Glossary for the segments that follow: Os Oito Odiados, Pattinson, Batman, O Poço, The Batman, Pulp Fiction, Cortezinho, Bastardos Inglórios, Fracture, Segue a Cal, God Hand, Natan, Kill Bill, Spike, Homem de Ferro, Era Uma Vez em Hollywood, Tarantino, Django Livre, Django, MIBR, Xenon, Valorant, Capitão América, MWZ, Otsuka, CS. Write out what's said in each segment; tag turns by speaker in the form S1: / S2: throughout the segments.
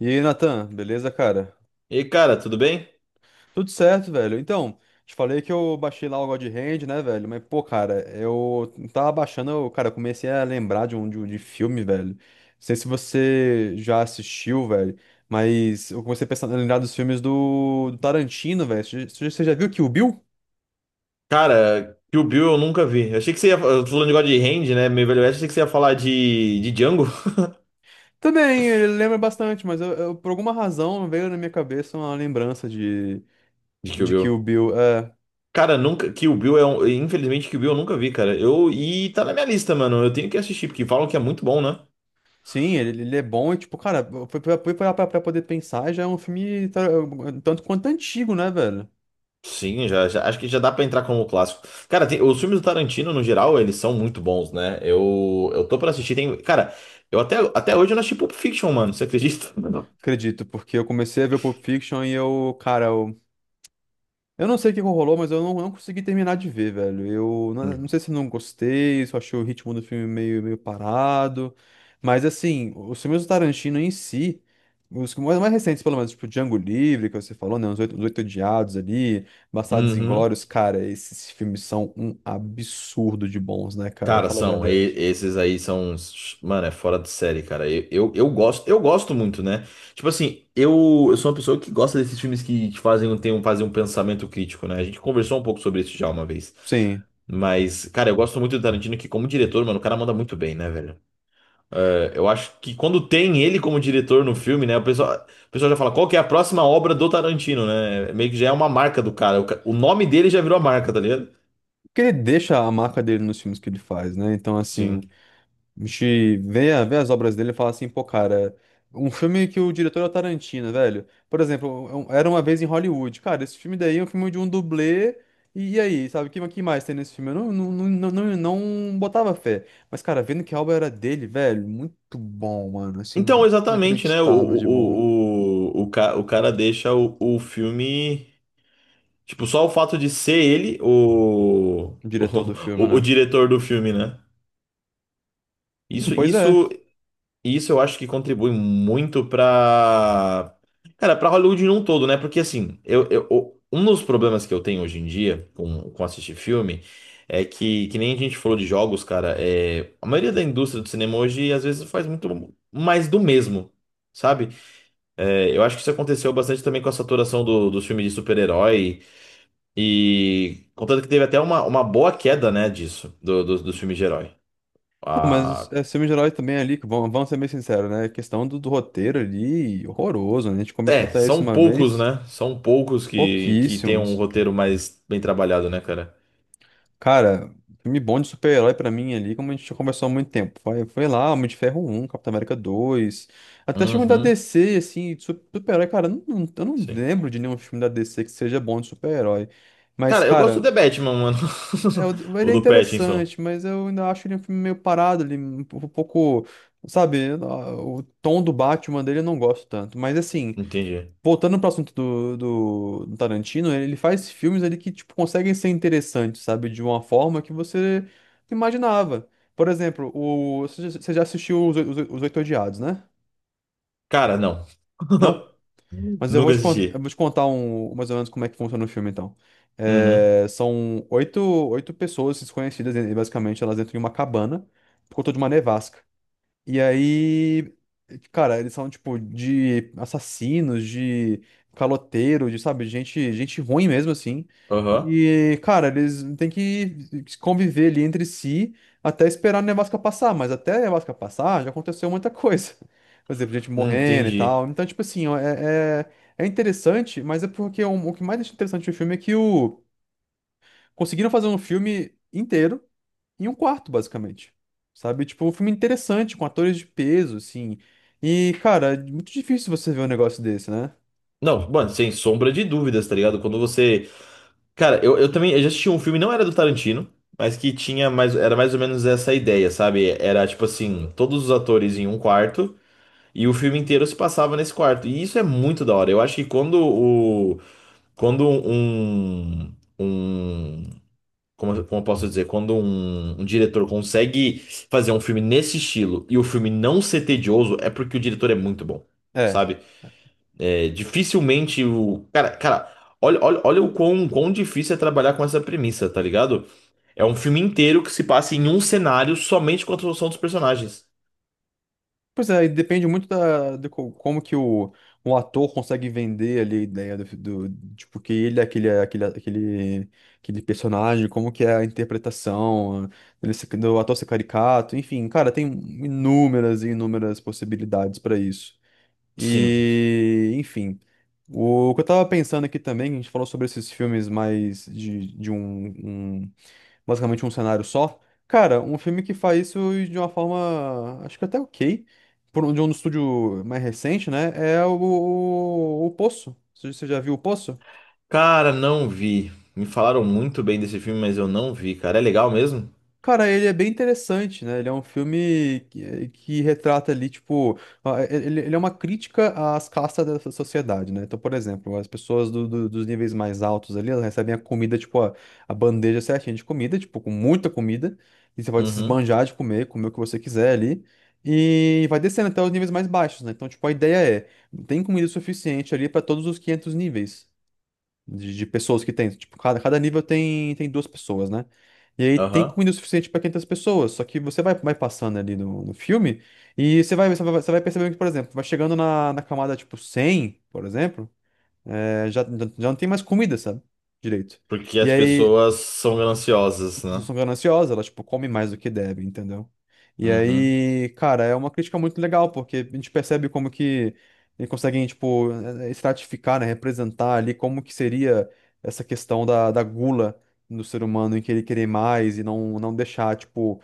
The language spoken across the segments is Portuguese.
S1: E aí, Natan, beleza, cara?
S2: E aí, cara, tudo bem?
S1: Tudo certo, velho. Te falei que eu baixei lá o God Hand, né, velho? Mas, pô, cara, eu tava baixando, eu comecei a lembrar de filme, velho. Não sei se você já assistiu, velho, mas eu comecei a pensar, a lembrar dos filmes do Tarantino, velho. Já você já viu Kill Bill?
S2: Cara, Kill Bill eu nunca vi. Eu achei que você ia. Eu tô falando de God Hand, né? Meio Velho Oeste, achei que você ia falar de Django,
S1: Também, ele lembra bastante, mas por alguma razão veio na minha cabeça uma lembrança
S2: de Kill
S1: de Kill
S2: Bill.
S1: Bill. É.
S2: Cara, nunca. Kill Bill é um. Infelizmente, Kill Bill eu nunca vi, cara. Eu... E tá na minha lista, mano. Eu tenho que assistir, porque falam que é muito bom, né?
S1: Sim, ele é bom e, tipo, cara, pra poder pensar, já é um filme tanto quanto antigo, né, velho?
S2: Sim, já, acho que já dá pra entrar como clássico. Cara, os filmes do Tarantino, no geral, eles são muito bons, né? Eu tô pra assistir. Tem... Cara, eu até... até hoje eu não assisti Pulp Fiction, mano. Você acredita?
S1: Acredito, porque eu comecei a ver o Pulp Fiction e eu, cara, eu não sei o que rolou, mas eu não, não consegui terminar de ver, velho. Eu não, não sei se eu não gostei, se eu achei o ritmo do filme meio parado. Mas, assim, os filmes do Tarantino em si, os que- mais mais recentes, pelo menos, tipo Django Livre, que você falou, né? Os Oito Odiados ali, Bastardos
S2: Uhum.
S1: Inglórios, cara, esses filmes são um absurdo de bons, né, cara?
S2: Cara,
S1: Fala a
S2: são,
S1: verdade.
S2: esses aí são, mano, é fora de série, cara. Eu gosto, eu gosto muito, né? Tipo assim, eu sou uma pessoa que gosta desses filmes que te fazem um, tem um, fazem um pensamento crítico, né? A gente conversou um pouco sobre isso já uma vez.
S1: Sim.
S2: Mas, cara, eu gosto muito do Tarantino, que como diretor, mano, o cara manda muito bem, né, velho? É, eu acho que quando tem ele como diretor no filme, né, o pessoal já fala, qual que é a próxima obra do Tarantino, né? Meio que já é uma marca do cara. O nome dele já virou a marca, tá ligado?
S1: Porque ele deixa a marca dele nos filmes que ele faz, né? Então,
S2: Sim.
S1: assim, a gente vê, vê as obras dele e fala assim, pô, cara, um filme que o diretor é o Tarantino, velho. Por exemplo, Era Uma Vez em Hollywood. Cara, esse filme daí é um filme de um dublê. E aí, sabe, que mais tem nesse filme? Eu não, não, não, não, não não botava fé. Mas, cara, vendo que a obra era dele, velho, muito bom, mano. Assim,
S2: Então, exatamente, né?
S1: inacreditável de bom.
S2: O cara deixa o filme. Tipo, só o fato de ser ele o,
S1: O
S2: o,
S1: diretor do filme,
S2: o
S1: né?
S2: diretor do filme, né? Isso,
S1: Pois é.
S2: isso, isso eu acho que contribui muito pra. Cara, pra Hollywood num todo, né? Porque assim, um dos problemas que eu tenho hoje em dia com assistir filme é que nem a gente falou de jogos, cara, é, a maioria da indústria do cinema hoje às vezes faz muito mais do mesmo. Sabe? É, eu acho que isso aconteceu bastante também com a saturação dos filmes de super-herói. E contanto que teve até uma boa queda, né, disso, dos filmes de herói.
S1: Não, mas
S2: Ah,
S1: é filme de herói também ali, vamos ser bem sinceros, né? A questão do roteiro ali, horroroso, né? A gente começou
S2: é,
S1: até isso
S2: são
S1: uma
S2: poucos,
S1: vez.
S2: né? São poucos que tem um
S1: Pouquíssimos.
S2: roteiro mais bem trabalhado, né, cara?
S1: Cara, filme bom de super-herói pra mim ali, como a gente já conversou há muito tempo. Foi lá, Homem de Ferro 1, Capitão América 2. Até filme da
S2: Uhum,
S1: DC, assim, super-herói, cara, eu não
S2: sim.
S1: lembro de nenhum filme da DC que seja bom de super-herói. Mas,
S2: Cara, eu gosto do
S1: cara,
S2: The Batman, mano.
S1: é, ele
S2: Ou
S1: é
S2: do Pattinson.
S1: interessante, mas eu ainda acho ele um filme meio parado ali, um pouco, sabe, o tom do Batman dele eu não gosto tanto. Mas assim,
S2: Entendi.
S1: voltando pro assunto do Tarantino, ele faz filmes ali que, tipo, conseguem ser interessantes, sabe? De uma forma que você imaginava. Por exemplo, você já você já assistiu Os Oito Odiados, né?
S2: Cara, não.
S1: Não? Mas eu vou
S2: Nunca
S1: eu
S2: assisti.
S1: vou te contar um, mais ou menos como é que funciona o filme, então.
S2: Uhum.
S1: É, são oito, oito pessoas desconhecidas, e basicamente, elas entram em uma cabana por conta de uma nevasca. E aí, cara, eles são tipo de assassinos, de caloteiro, de, sabe, gente ruim mesmo assim.
S2: Aham.
S1: E, cara, eles têm que conviver ali entre si até esperar a nevasca passar, mas até a nevasca passar já aconteceu muita coisa. Por exemplo, gente morrendo e tal.
S2: Entendi.
S1: Então, tipo assim, ó, é interessante, mas é porque o que mais deixa interessante o filme é que conseguiram fazer um filme inteiro em um quarto, basicamente. Sabe? Tipo, um filme interessante, com atores de peso, assim. E, cara, é muito difícil você ver um negócio desse, né?
S2: Não, mano, sem sombra de dúvidas, tá ligado? Quando você cara, eu também eu já assisti um filme, não era do Tarantino, mas que tinha mais, era mais ou menos essa ideia, sabe? Era tipo assim, todos os atores em um quarto e o filme inteiro se passava nesse quarto. E isso é muito da hora. Eu acho que quando o quando um um como, como eu posso dizer, quando um diretor consegue fazer um filme nesse estilo e o filme não ser tedioso, é porque o diretor é muito bom,
S1: É.
S2: sabe? É, dificilmente o. Cara, olha o quão difícil é trabalhar com essa premissa, tá ligado? É um filme inteiro que se passa em um cenário somente com a construção dos personagens.
S1: Pois é, e depende muito como que o ator consegue vender ali a ideia tipo, que ele é aquele personagem, como que é a interpretação, do ator ser caricato, enfim, cara, tem inúmeras e inúmeras possibilidades pra isso.
S2: Sim.
S1: E, enfim, o que eu tava pensando aqui também, a gente falou sobre esses filmes mais um- basicamente um cenário só. Cara, um filme que faz isso de uma forma. Acho que até ok. Por um, de um estúdio mais recente, né? É o Poço. Você já viu o Poço?
S2: Cara, não vi. Me falaram muito bem desse filme, mas eu não vi, cara. É legal mesmo?
S1: Cara, ele é bem interessante, né? Ele é um filme que, que retrata ali, tipo, ele é uma crítica às castas da sociedade, né? Então, por exemplo, as pessoas dos níveis mais altos ali, elas recebem a comida, tipo, a bandeja certinha de comida, tipo, com muita comida, e você pode se
S2: Uhum.
S1: esbanjar de comer, o que você quiser ali, e vai descendo até os níveis mais baixos, né? Então, tipo, a ideia é, tem comida suficiente ali para todos os 500 níveis de pessoas que tem. Tipo, cada nível tem duas pessoas, né? E aí tem
S2: Aham.
S1: comida o suficiente para 500 pessoas, só que você vai, vai passando ali no filme e você vai percebendo que, por exemplo, vai chegando na camada tipo 100 por exemplo, é, já não tem mais comida, sabe? Direito.
S2: Porque
S1: E
S2: as
S1: aí
S2: pessoas são gananciosas,
S1: as pessoas
S2: né?
S1: são gananciosas, elas, tipo, comem mais do que devem, entendeu? E
S2: Uhum.
S1: aí, cara, é uma crítica muito legal, porque a gente percebe como que eles conseguem, tipo, estratificar, né, representar ali como que seria essa questão da gula do ser humano em querer querer mais e não deixar, tipo,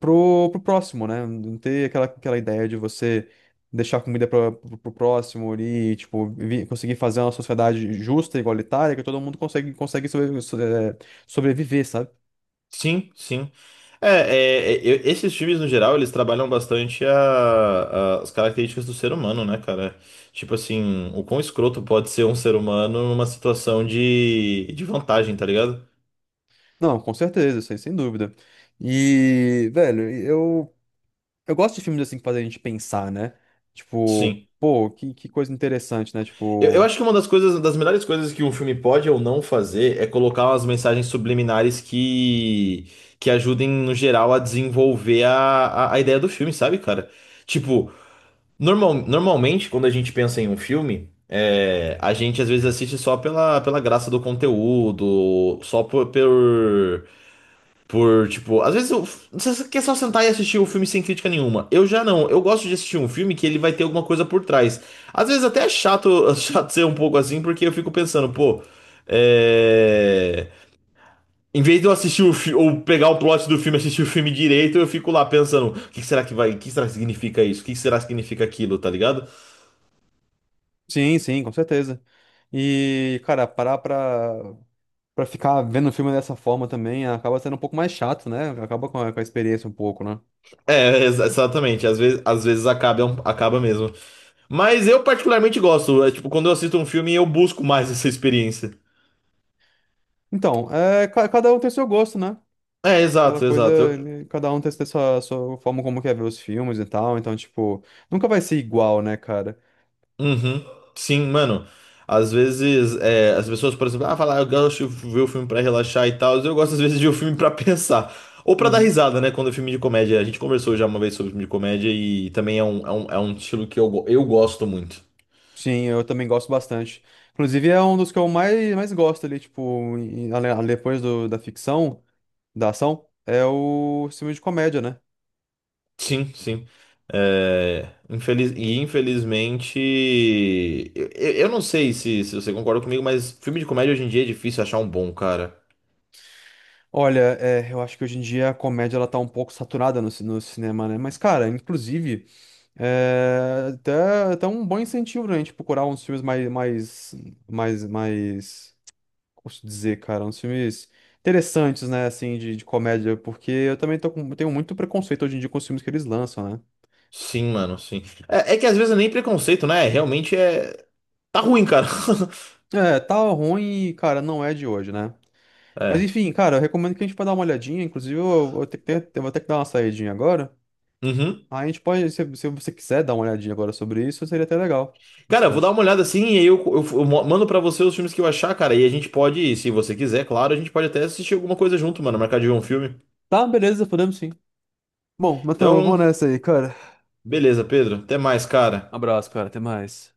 S1: pro próximo, né? Não ter aquela ideia de você deixar comida pro próximo ali, tipo, conseguir fazer uma sociedade justa, igualitária, que todo mundo consegue sobreviver, sabe?
S2: Sim, sim. É, é, é, esses filmes, no geral, eles trabalham bastante as características do ser humano, né, cara? Tipo assim, o quão escroto pode ser um ser humano numa situação de vantagem, tá ligado?
S1: Não, com certeza, sem dúvida. E, velho, eu gosto de filmes assim que fazem a gente pensar, né? Tipo,
S2: Sim.
S1: pô, que coisa interessante, né?
S2: Eu
S1: Tipo,
S2: acho que uma das coisas, das melhores coisas que um filme pode ou não fazer é colocar umas mensagens subliminares que ajudem, no geral, a desenvolver a ideia do filme, sabe, cara? Tipo, normalmente, quando a gente pensa em um filme, é, a gente às vezes assiste só pela, pela graça do conteúdo, só tipo, às vezes você quer só sentar e assistir o filme sem crítica nenhuma. Eu já não, eu gosto de assistir um filme que ele vai ter alguma coisa por trás. Às vezes até é chato, chato ser um pouco assim, porque eu fico pensando, pô, é, em vez de eu assistir ou pegar o plot do filme, e assistir o filme direito, eu fico lá pensando, o que que será que vai, o que será que significa isso? O que que será que significa aquilo, tá ligado?
S1: sim, com certeza. E, cara, pra ficar vendo o filme dessa forma também acaba sendo um pouco mais chato, né? Acaba com com a experiência um pouco, né?
S2: É, exatamente. Às vezes acaba, é acaba mesmo. Mas eu particularmente gosto. É, tipo, quando eu assisto um filme, eu busco mais essa experiência.
S1: Então, é, cada um tem seu gosto, né?
S2: É,
S1: Aquela
S2: exato.
S1: coisa,
S2: Eu-
S1: né, cada um tem sua forma como quer ver os filmes e tal. Então, tipo, nunca vai ser igual, né, cara?
S2: uhum. Sim, mano. Às vezes, é, as pessoas, por exemplo, ah, falar, eu gosto de ver o filme pra relaxar e tal. Eu gosto, às vezes, de ver o filme pra pensar. Ou pra dar
S1: Uhum.
S2: risada, né? Quando é filme de comédia. A gente conversou já uma vez sobre filme de comédia e também é um, é um, é um estilo que eu, eu gosto muito.
S1: Sim, eu também gosto bastante. Inclusive, é um dos que eu mais gosto ali, tipo, depois da ficção, da ação, é o filme de comédia, né?
S2: Sim, sim. É, infeliz... E infelizmente, eu, eu não sei se, se você concorda comigo, mas filme de comédia hoje em dia é difícil achar um bom, cara.
S1: Olha, é, eu acho que hoje em dia a comédia ela tá um pouco saturada no cinema, né? Mas, cara, inclusive, é até um bom incentivo pra gente procurar uns filmes mais, como posso dizer, cara, uns filmes interessantes, né, assim, de comédia, porque eu também tenho muito preconceito hoje em dia com os filmes que eles lançam, né?
S2: Sim, mano, sim. É, é que às vezes é nem preconceito, né? Realmente é. Tá ruim, cara.
S1: É, tá ruim, cara, não é de hoje, né? Mas
S2: É.
S1: enfim, cara, eu recomendo que a gente pode dar uma olhadinha. Inclusive, eu vou ter eu vou ter que dar uma saidinha agora.
S2: Uhum.
S1: Aí a gente pode, se você quiser dar uma olhadinha agora sobre isso, seria até legal. O que
S2: Cara,
S1: você
S2: eu vou dar
S1: acha?
S2: uma olhada assim e aí mando pra você os filmes que eu achar, cara. E a gente pode, se você quiser, claro, a gente pode até assistir alguma coisa junto, mano. Marcar de ver um filme.
S1: Tá, beleza, podemos sim. Bom, mas então eu vou
S2: Então,
S1: nessa aí, cara.
S2: beleza, Pedro. Até mais, cara.
S1: Abraço, cara, até mais.